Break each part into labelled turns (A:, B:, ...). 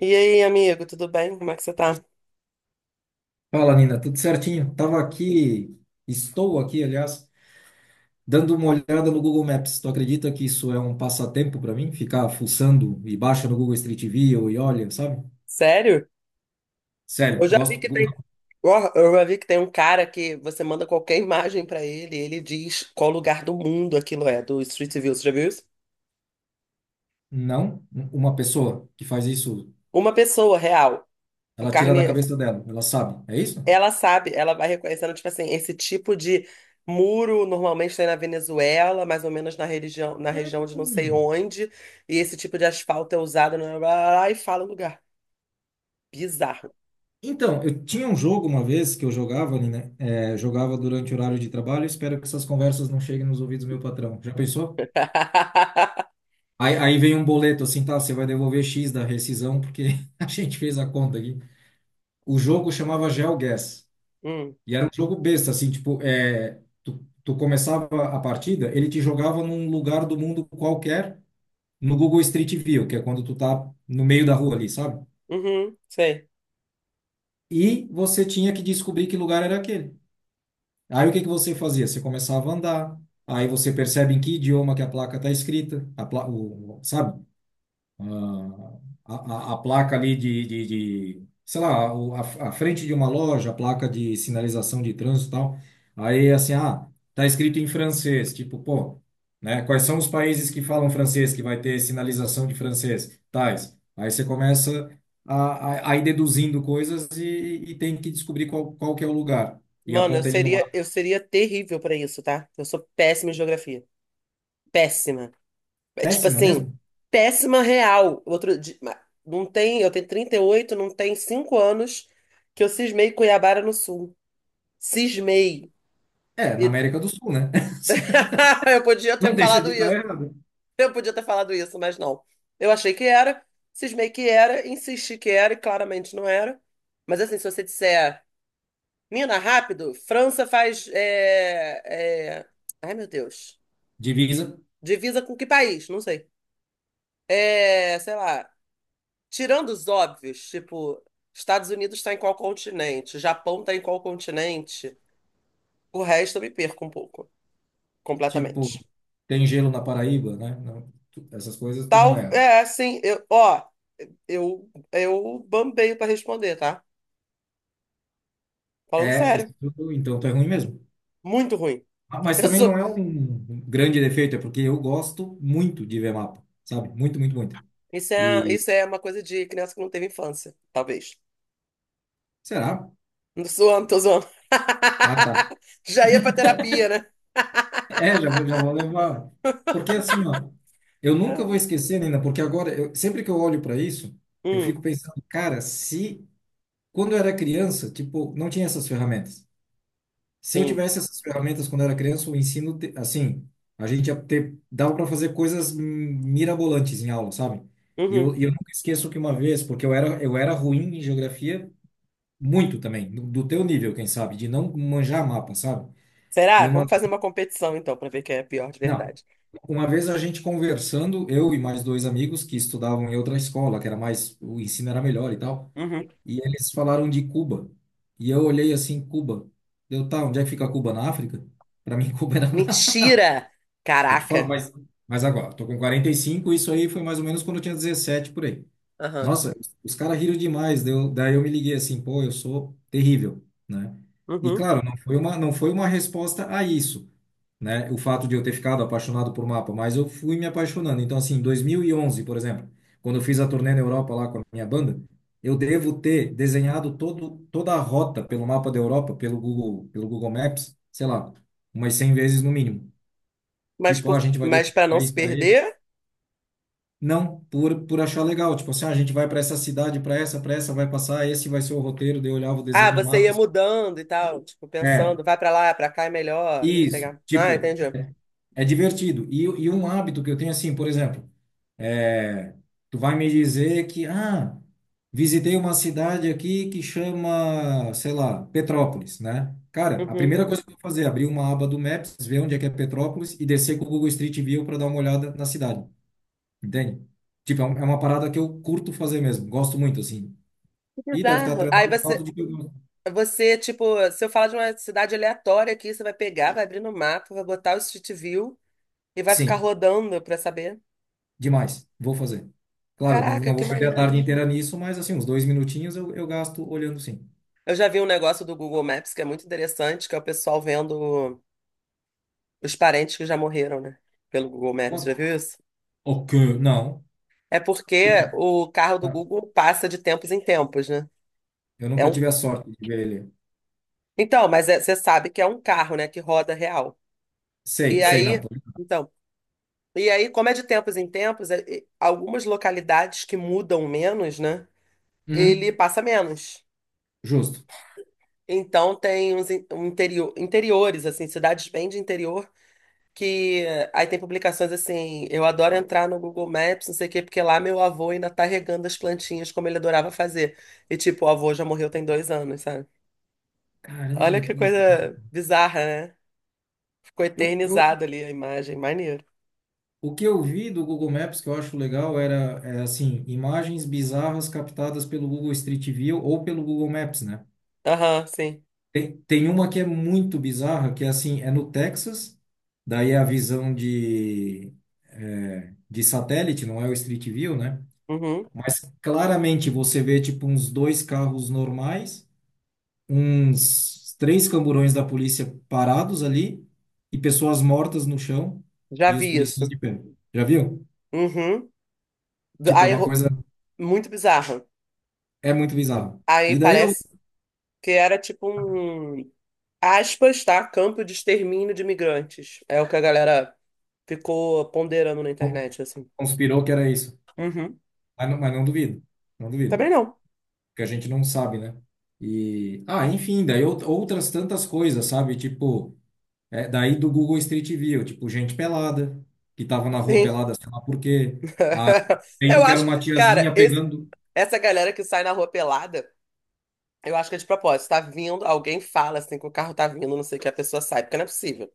A: E aí, amigo, tudo bem? Como é que você tá?
B: Fala, Nina, tudo certinho? Estou aqui, aliás, dando uma olhada no Google Maps. Tu acredita que isso é um passatempo para mim? Ficar fuçando e baixa no Google Street View e olha, sabe?
A: Sério?
B: Sério,
A: Eu já vi
B: gosto.
A: que tem,
B: Não,
A: Ó, eu já vi que tem um cara que você manda qualquer imagem pra ele, e ele diz qual lugar do mundo aquilo é, do Street View, você já viu isso?
B: não, uma pessoa que faz isso,
A: Uma pessoa real, a
B: ela tira da
A: carne,
B: cabeça dela, ela sabe, é isso?
A: ela sabe, ela vai reconhecendo, tipo assim, esse tipo de muro normalmente tem na Venezuela, mais ou menos na religião, na região de não sei
B: Hum.
A: onde, e esse tipo de asfalto é usado, blá, blá, blá, blá, e fala o lugar. Bizarro.
B: Então, eu tinha um jogo uma vez que eu jogava, Nina, jogava durante o horário de trabalho. Espero que essas conversas não cheguem nos ouvidos do meu patrão. Já pensou? Aí vem um boleto assim, tá? Você vai devolver X da rescisão, porque a gente fez a conta aqui. O jogo chamava GeoGuess.
A: Hum,
B: E era um jogo besta, assim, tipo, tu começava a partida, ele te jogava num lugar do mundo qualquer, no Google Street View, que é quando tu tá no meio da rua ali, sabe?
A: uhum, sei.
B: E você tinha que descobrir que lugar era aquele. Aí o que que você fazia? Você começava a andar, aí você percebe em que idioma que a placa tá escrita, sabe? ah, a, a placa ali de sei lá, a frente de uma loja, a placa de sinalização de trânsito e tal. Aí, assim, tá escrito em francês, tipo, pô, né? Quais são os países que falam francês, que vai ter sinalização de francês? Tais. Aí você começa a, a ir deduzindo coisas e tem que descobrir qual, qual que é o lugar. E
A: Mano, eu
B: aponta ele numa.
A: seria, eu seria terrível pra isso, tá? Eu sou péssima em geografia. Péssima. É tipo
B: Péssima
A: assim,
B: mesmo?
A: péssima real. Não tem, eu tenho 38, não tem 5 anos que eu cismei Cuiabá no Sul. Cismei.
B: É, na
A: E-
B: América do Sul, né?
A: Eu podia
B: Não
A: ter
B: deixa de
A: falado
B: estar
A: isso.
B: errado.
A: Eu podia ter falado isso, mas não. Eu achei que era, cismei que era, insisti que era e claramente não era. Mas assim, se você disser, Mina, rápido, França faz é, é, ai, meu Deus.
B: Divisa.
A: Divisa com que país? Não sei. É, sei lá. Tirando os óbvios, tipo, Estados Unidos está em qual continente? Japão está em qual continente? O resto eu me perco um pouco,
B: Tipo,
A: completamente.
B: tem gelo na Paraíba, né? Não, tu- essas coisas tu não
A: Tal,
B: é.
A: é assim, eu, ó, eu bambeio para responder, tá? Falando
B: É,
A: sério,
B: isso, tu- então tu é ruim mesmo.
A: muito ruim.
B: Ah, mas
A: Eu
B: também não
A: sou,
B: é um grande defeito, é porque eu gosto muito de ver mapa, sabe? Muito, muito, muito. E
A: isso é uma coisa de criança que não teve infância, talvez.
B: será?
A: Não zoando, tô zoando.
B: Ah, tá.
A: Já ia pra terapia, né?
B: É, já vou levar. Porque assim, ó, eu nunca vou
A: Ah,
B: esquecer, Nina, porque agora, eu, sempre que eu olho para isso, eu
A: hum,
B: fico pensando, cara, se quando eu era criança, tipo, não tinha essas ferramentas. Se eu
A: sim.
B: tivesse essas ferramentas quando era criança, o ensino, assim, a gente ia ter, dava para fazer coisas mirabolantes em aula, sabe? E eu,
A: Uhum.
B: e eu nunca esqueço que uma vez, porque eu era ruim em geografia, muito também, do teu nível, quem sabe, de não manjar mapa, sabe? E
A: Será?
B: uma,
A: Vamos fazer uma competição então, pra ver quem é pior de
B: não,
A: verdade.
B: Uma vez a gente conversando, eu e mais dois amigos que estudavam em outra escola, que era mais, o ensino era melhor e tal,
A: Uhum.
B: e eles falaram de Cuba. E eu olhei assim, Cuba. Eu, tá, onde é que fica Cuba? Na África? Para mim, Cuba era.
A: Mentira!
B: Eu te falo,
A: Caraca!
B: mas agora, tô com 45. Isso aí foi mais ou menos quando eu tinha 17, por aí.
A: Aham.
B: Nossa, os caras riram demais, deu, daí eu me liguei assim, pô, eu sou terrível, né? E
A: Uhum.
B: claro, não foi uma resposta a isso, né? O fato de eu ter ficado apaixonado por mapa, mas eu fui me apaixonando. Então, assim, em 2011, por exemplo, quando eu fiz a turnê na Europa lá com a minha banda, eu devo ter desenhado toda a rota pelo mapa da Europa, pelo Google Maps, sei lá, umas 100 vezes no mínimo.
A: Mas,
B: Tipo, ó, a
A: por...
B: gente vai desse
A: mas para não se
B: país para ele.
A: perder.
B: Não, por achar legal. Tipo assim, ó, a gente vai para essa cidade, para essa, vai passar, esse vai ser o roteiro, daí eu olhava o
A: Ah,
B: desenho no
A: você
B: mapa.
A: ia
B: Assim.
A: mudando e tal, tipo,
B: É,
A: pensando, vai pra lá, pra cá é melhor, você
B: isso.
A: pegar. Ah,
B: Tipo,
A: entendi.
B: é divertido. E um hábito que eu tenho assim, por exemplo, é, tu vai me dizer que, visitei uma cidade aqui que chama, sei lá, Petrópolis, né? Cara, a
A: Uhum.
B: primeira coisa que eu vou fazer é abrir uma aba do Maps, ver onde é que é Petrópolis e descer com o Google Street View para dar uma olhada na cidade. Entende? Tipo, é é uma parada que eu curto fazer mesmo. Gosto muito, assim.
A: Que
B: E deve estar
A: bizarro. Aí
B: atrelado ao fato
A: você,
B: de que eu gosto.
A: você, tipo, se eu falar de uma cidade aleatória aqui, você vai pegar, vai abrir no mapa, vai botar o Street View e vai ficar
B: Sim,
A: rodando pra saber.
B: demais. Vou fazer. Claro, não,
A: Caraca,
B: não
A: que
B: vou perder a
A: maneiro.
B: tarde inteira nisso, mas, assim, uns dois minutinhos eu gasto olhando, sim.
A: Eu já vi um negócio do Google Maps que é muito interessante, que é o pessoal vendo. Os parentes que já morreram, né? Pelo Google Maps,
B: Mas,
A: já viu isso?
B: ok, não.
A: É
B: Tipo,
A: porque o carro do
B: ah,
A: Google passa de tempos em tempos, né?
B: eu
A: É
B: nunca
A: um...
B: tive a sorte de ver ele.
A: Então, você sabe que é um carro, né? Que roda real.
B: Sei,
A: E
B: sei, não.
A: aí,
B: Tô.
A: então, e aí, como é de tempos em tempos, algumas localidades que mudam menos, né? Ele
B: Uhum,
A: passa menos.
B: justo.
A: Então tem um interior, interiores, assim, cidades bem de interior que aí tem publicações assim, eu adoro entrar no Google Maps, não sei o quê, porque lá meu avô ainda tá regando as plantinhas como ele adorava fazer. E tipo, o avô já morreu tem 2 anos, sabe? Olha
B: Caramba,
A: que
B: que bizarro.
A: coisa bizarra, né? Ficou
B: Eu, eu,
A: eternizado ali a imagem, maneiro.
B: o que eu vi do Google Maps que eu acho legal era, é, assim, imagens bizarras captadas pelo Google Street View ou pelo Google Maps, né?
A: Aham, sim.
B: Tem uma que é muito bizarra, que é assim, é no Texas, daí é a visão de satélite, não é o Street View, né?
A: Uhum.
B: Mas claramente você vê tipo uns dois carros normais, uns três camburões da polícia parados ali e pessoas mortas no chão
A: Já
B: e os
A: vi
B: policiais
A: isso.
B: de pé. Já viu?
A: Uhum.
B: Tipo, é
A: Aí,
B: uma coisa,
A: muito bizarro.
B: É muito bizarro.
A: Aí
B: E daí eu
A: parece que era tipo um, aspas, tá? Campo de extermínio de imigrantes. É o que a galera ficou ponderando na internet, assim.
B: conspirou que era isso.
A: Uhum.
B: Mas não duvido, não duvido.
A: Também não.
B: Que a gente não sabe, né? E, ah, enfim, daí outras tantas coisas, sabe? Tipo, é, daí do Google Street View, tipo, gente pelada, que tava na rua
A: Sim.
B: pelada, sei lá por quê. Ah, tem um
A: Eu
B: que era
A: acho,
B: uma
A: cara,
B: tiazinha pegando.
A: essa galera que sai na rua pelada, eu acho que é de propósito. Tá vindo, alguém fala assim que o carro tá vindo, não sei o que a pessoa sai, porque não é possível.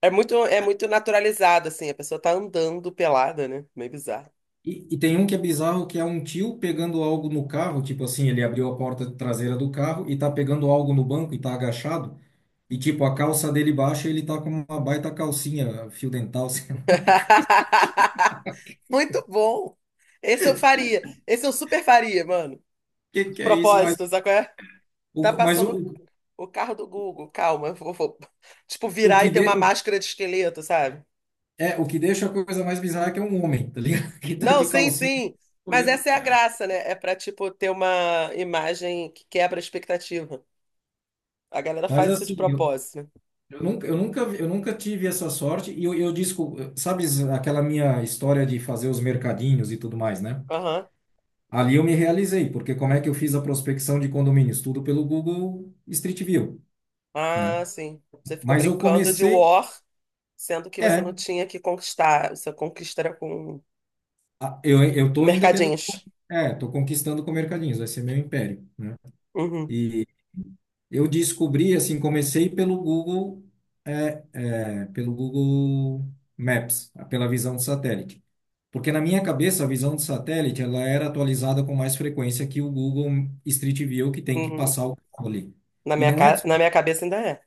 A: É muito naturalizado, assim, a pessoa tá andando pelada, né? Meio bizarro.
B: E tem um que é bizarro, que é um tio pegando algo no carro, tipo assim, ele abriu a porta traseira do carro e tá pegando algo no banco e tá agachado. E, tipo, a calça dele baixa e ele tá com uma baita calcinha, fio dental, sei lá. O
A: Muito bom. Esse eu faria. Esse eu super faria, mano.
B: que
A: De
B: que é isso?
A: propósito, sabe qual é? Tá
B: O, mas
A: passando
B: o,
A: o carro do Google, calma, eu vou tipo,
B: o
A: virar e
B: que,
A: ter uma
B: de,
A: máscara de esqueleto, sabe?
B: É, o que deixa a coisa mais bizarra é que é um homem, tá ligado? Que tá
A: Não,
B: de
A: sim,
B: calcinha
A: sim. Mas
B: olhando,
A: essa é a
B: cara.
A: graça, né? É pra, tipo, ter uma imagem que quebra a expectativa. A galera
B: Mas
A: faz isso de
B: assim, eu,
A: propósito. Né?
B: eu nunca, eu nunca, vi- eu nunca tive essa sorte e eu disco, sabe aquela minha história de fazer os mercadinhos e tudo mais, né?
A: Aham.
B: Ali eu me realizei, porque como é que eu fiz a prospecção de condomínios? Tudo pelo Google Street View, né?
A: Ah, sim. Você ficou
B: Mas eu
A: brincando de
B: comecei,
A: war, sendo que você não
B: é,
A: tinha que conquistar. Você conquista era com
B: a- eu tô ainda tendo,
A: mercadinhos.
B: tô conquistando com mercadinhos, vai ser meu império, né?
A: Uhum,
B: Eu descobri, assim, comecei pelo Google Maps, pela visão de satélite. Porque na minha cabeça, a visão de satélite, ela era atualizada com mais frequência que o Google Street View, que tem que
A: uhum.
B: passar o carro ali. E não é.
A: Na minha cabeça ainda é.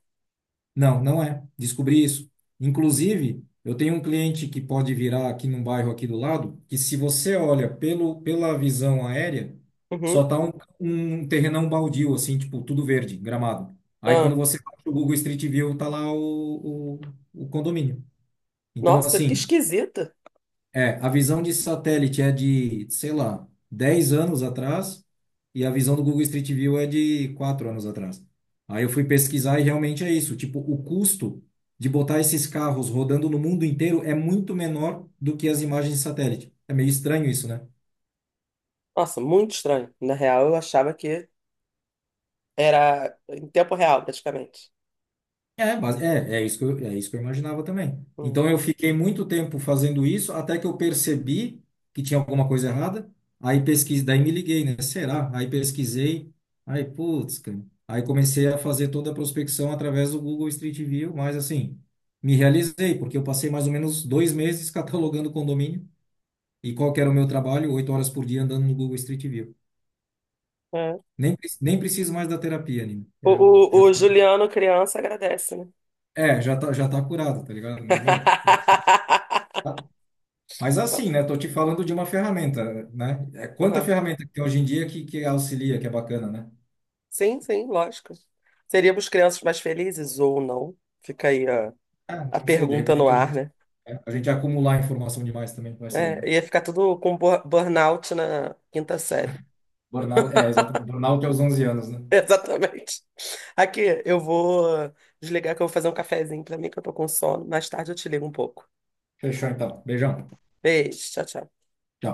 B: Não, não é. Descobri isso. Inclusive, eu tenho um cliente que pode virar aqui num bairro aqui do lado, que se você olha pelo, pela visão aérea, só
A: Uhum.
B: tá um terrenão baldio, assim, tipo, tudo verde, gramado. Aí quando
A: Ah.
B: você baixa o Google Street View, tá lá o condomínio. Então,
A: Nossa, que
B: assim,
A: esquisita.
B: a visão de satélite é de, sei lá, 10 anos atrás e a visão do Google Street View é de 4 anos atrás. Aí eu fui pesquisar e realmente é isso. Tipo, o custo de botar esses carros rodando no mundo inteiro é muito menor do que as imagens de satélite. É meio estranho isso, né?
A: Nossa, muito estranho. Na real, eu achava que era em tempo real, praticamente.
B: É, mas é isso que eu imaginava também.
A: Uhum.
B: Então eu fiquei muito tempo fazendo isso até que eu percebi que tinha alguma coisa errada. Aí pesquisei, daí me liguei, né? Será? Aí pesquisei. Aí, putz, cara. Aí comecei a fazer toda a prospecção através do Google Street View, mas assim, me realizei, porque eu passei mais ou menos 2 meses catalogando condomínio. E qual que era o meu trabalho? 8 horas por dia andando no Google Street View.
A: É.
B: Nem preciso mais da terapia, Nino.
A: O,
B: Eu
A: o,
B: já
A: o
B: tá,
A: Juliano, criança, agradece, né?
B: é, já tá curado, tá ligado? Mas
A: Não.
B: assim, né? Tô te falando de uma ferramenta, né? É quanta
A: Aham.
B: ferramenta que tem hoje em dia que auxilia, que é bacana, né?
A: Sim, sim, lógico. Seríamos crianças mais felizes ou não? Fica aí a,
B: Ah,
A: a
B: não sei, de
A: pergunta no
B: repente a
A: ar,
B: gente,
A: né?
B: é, a gente ia acumular informação demais também, vai saber, né?
A: É, ia ficar tudo com burnout na quinta série.
B: Burnout, é, exato. Burnout aos 11 anos, né?
A: Exatamente. Aqui, eu vou desligar que eu vou fazer um cafezinho pra mim, que eu tô com sono. Mais tarde eu te ligo um pouco.
B: Fechou então. Beijão.
A: Beijo, tchau, tchau.
B: Tchau.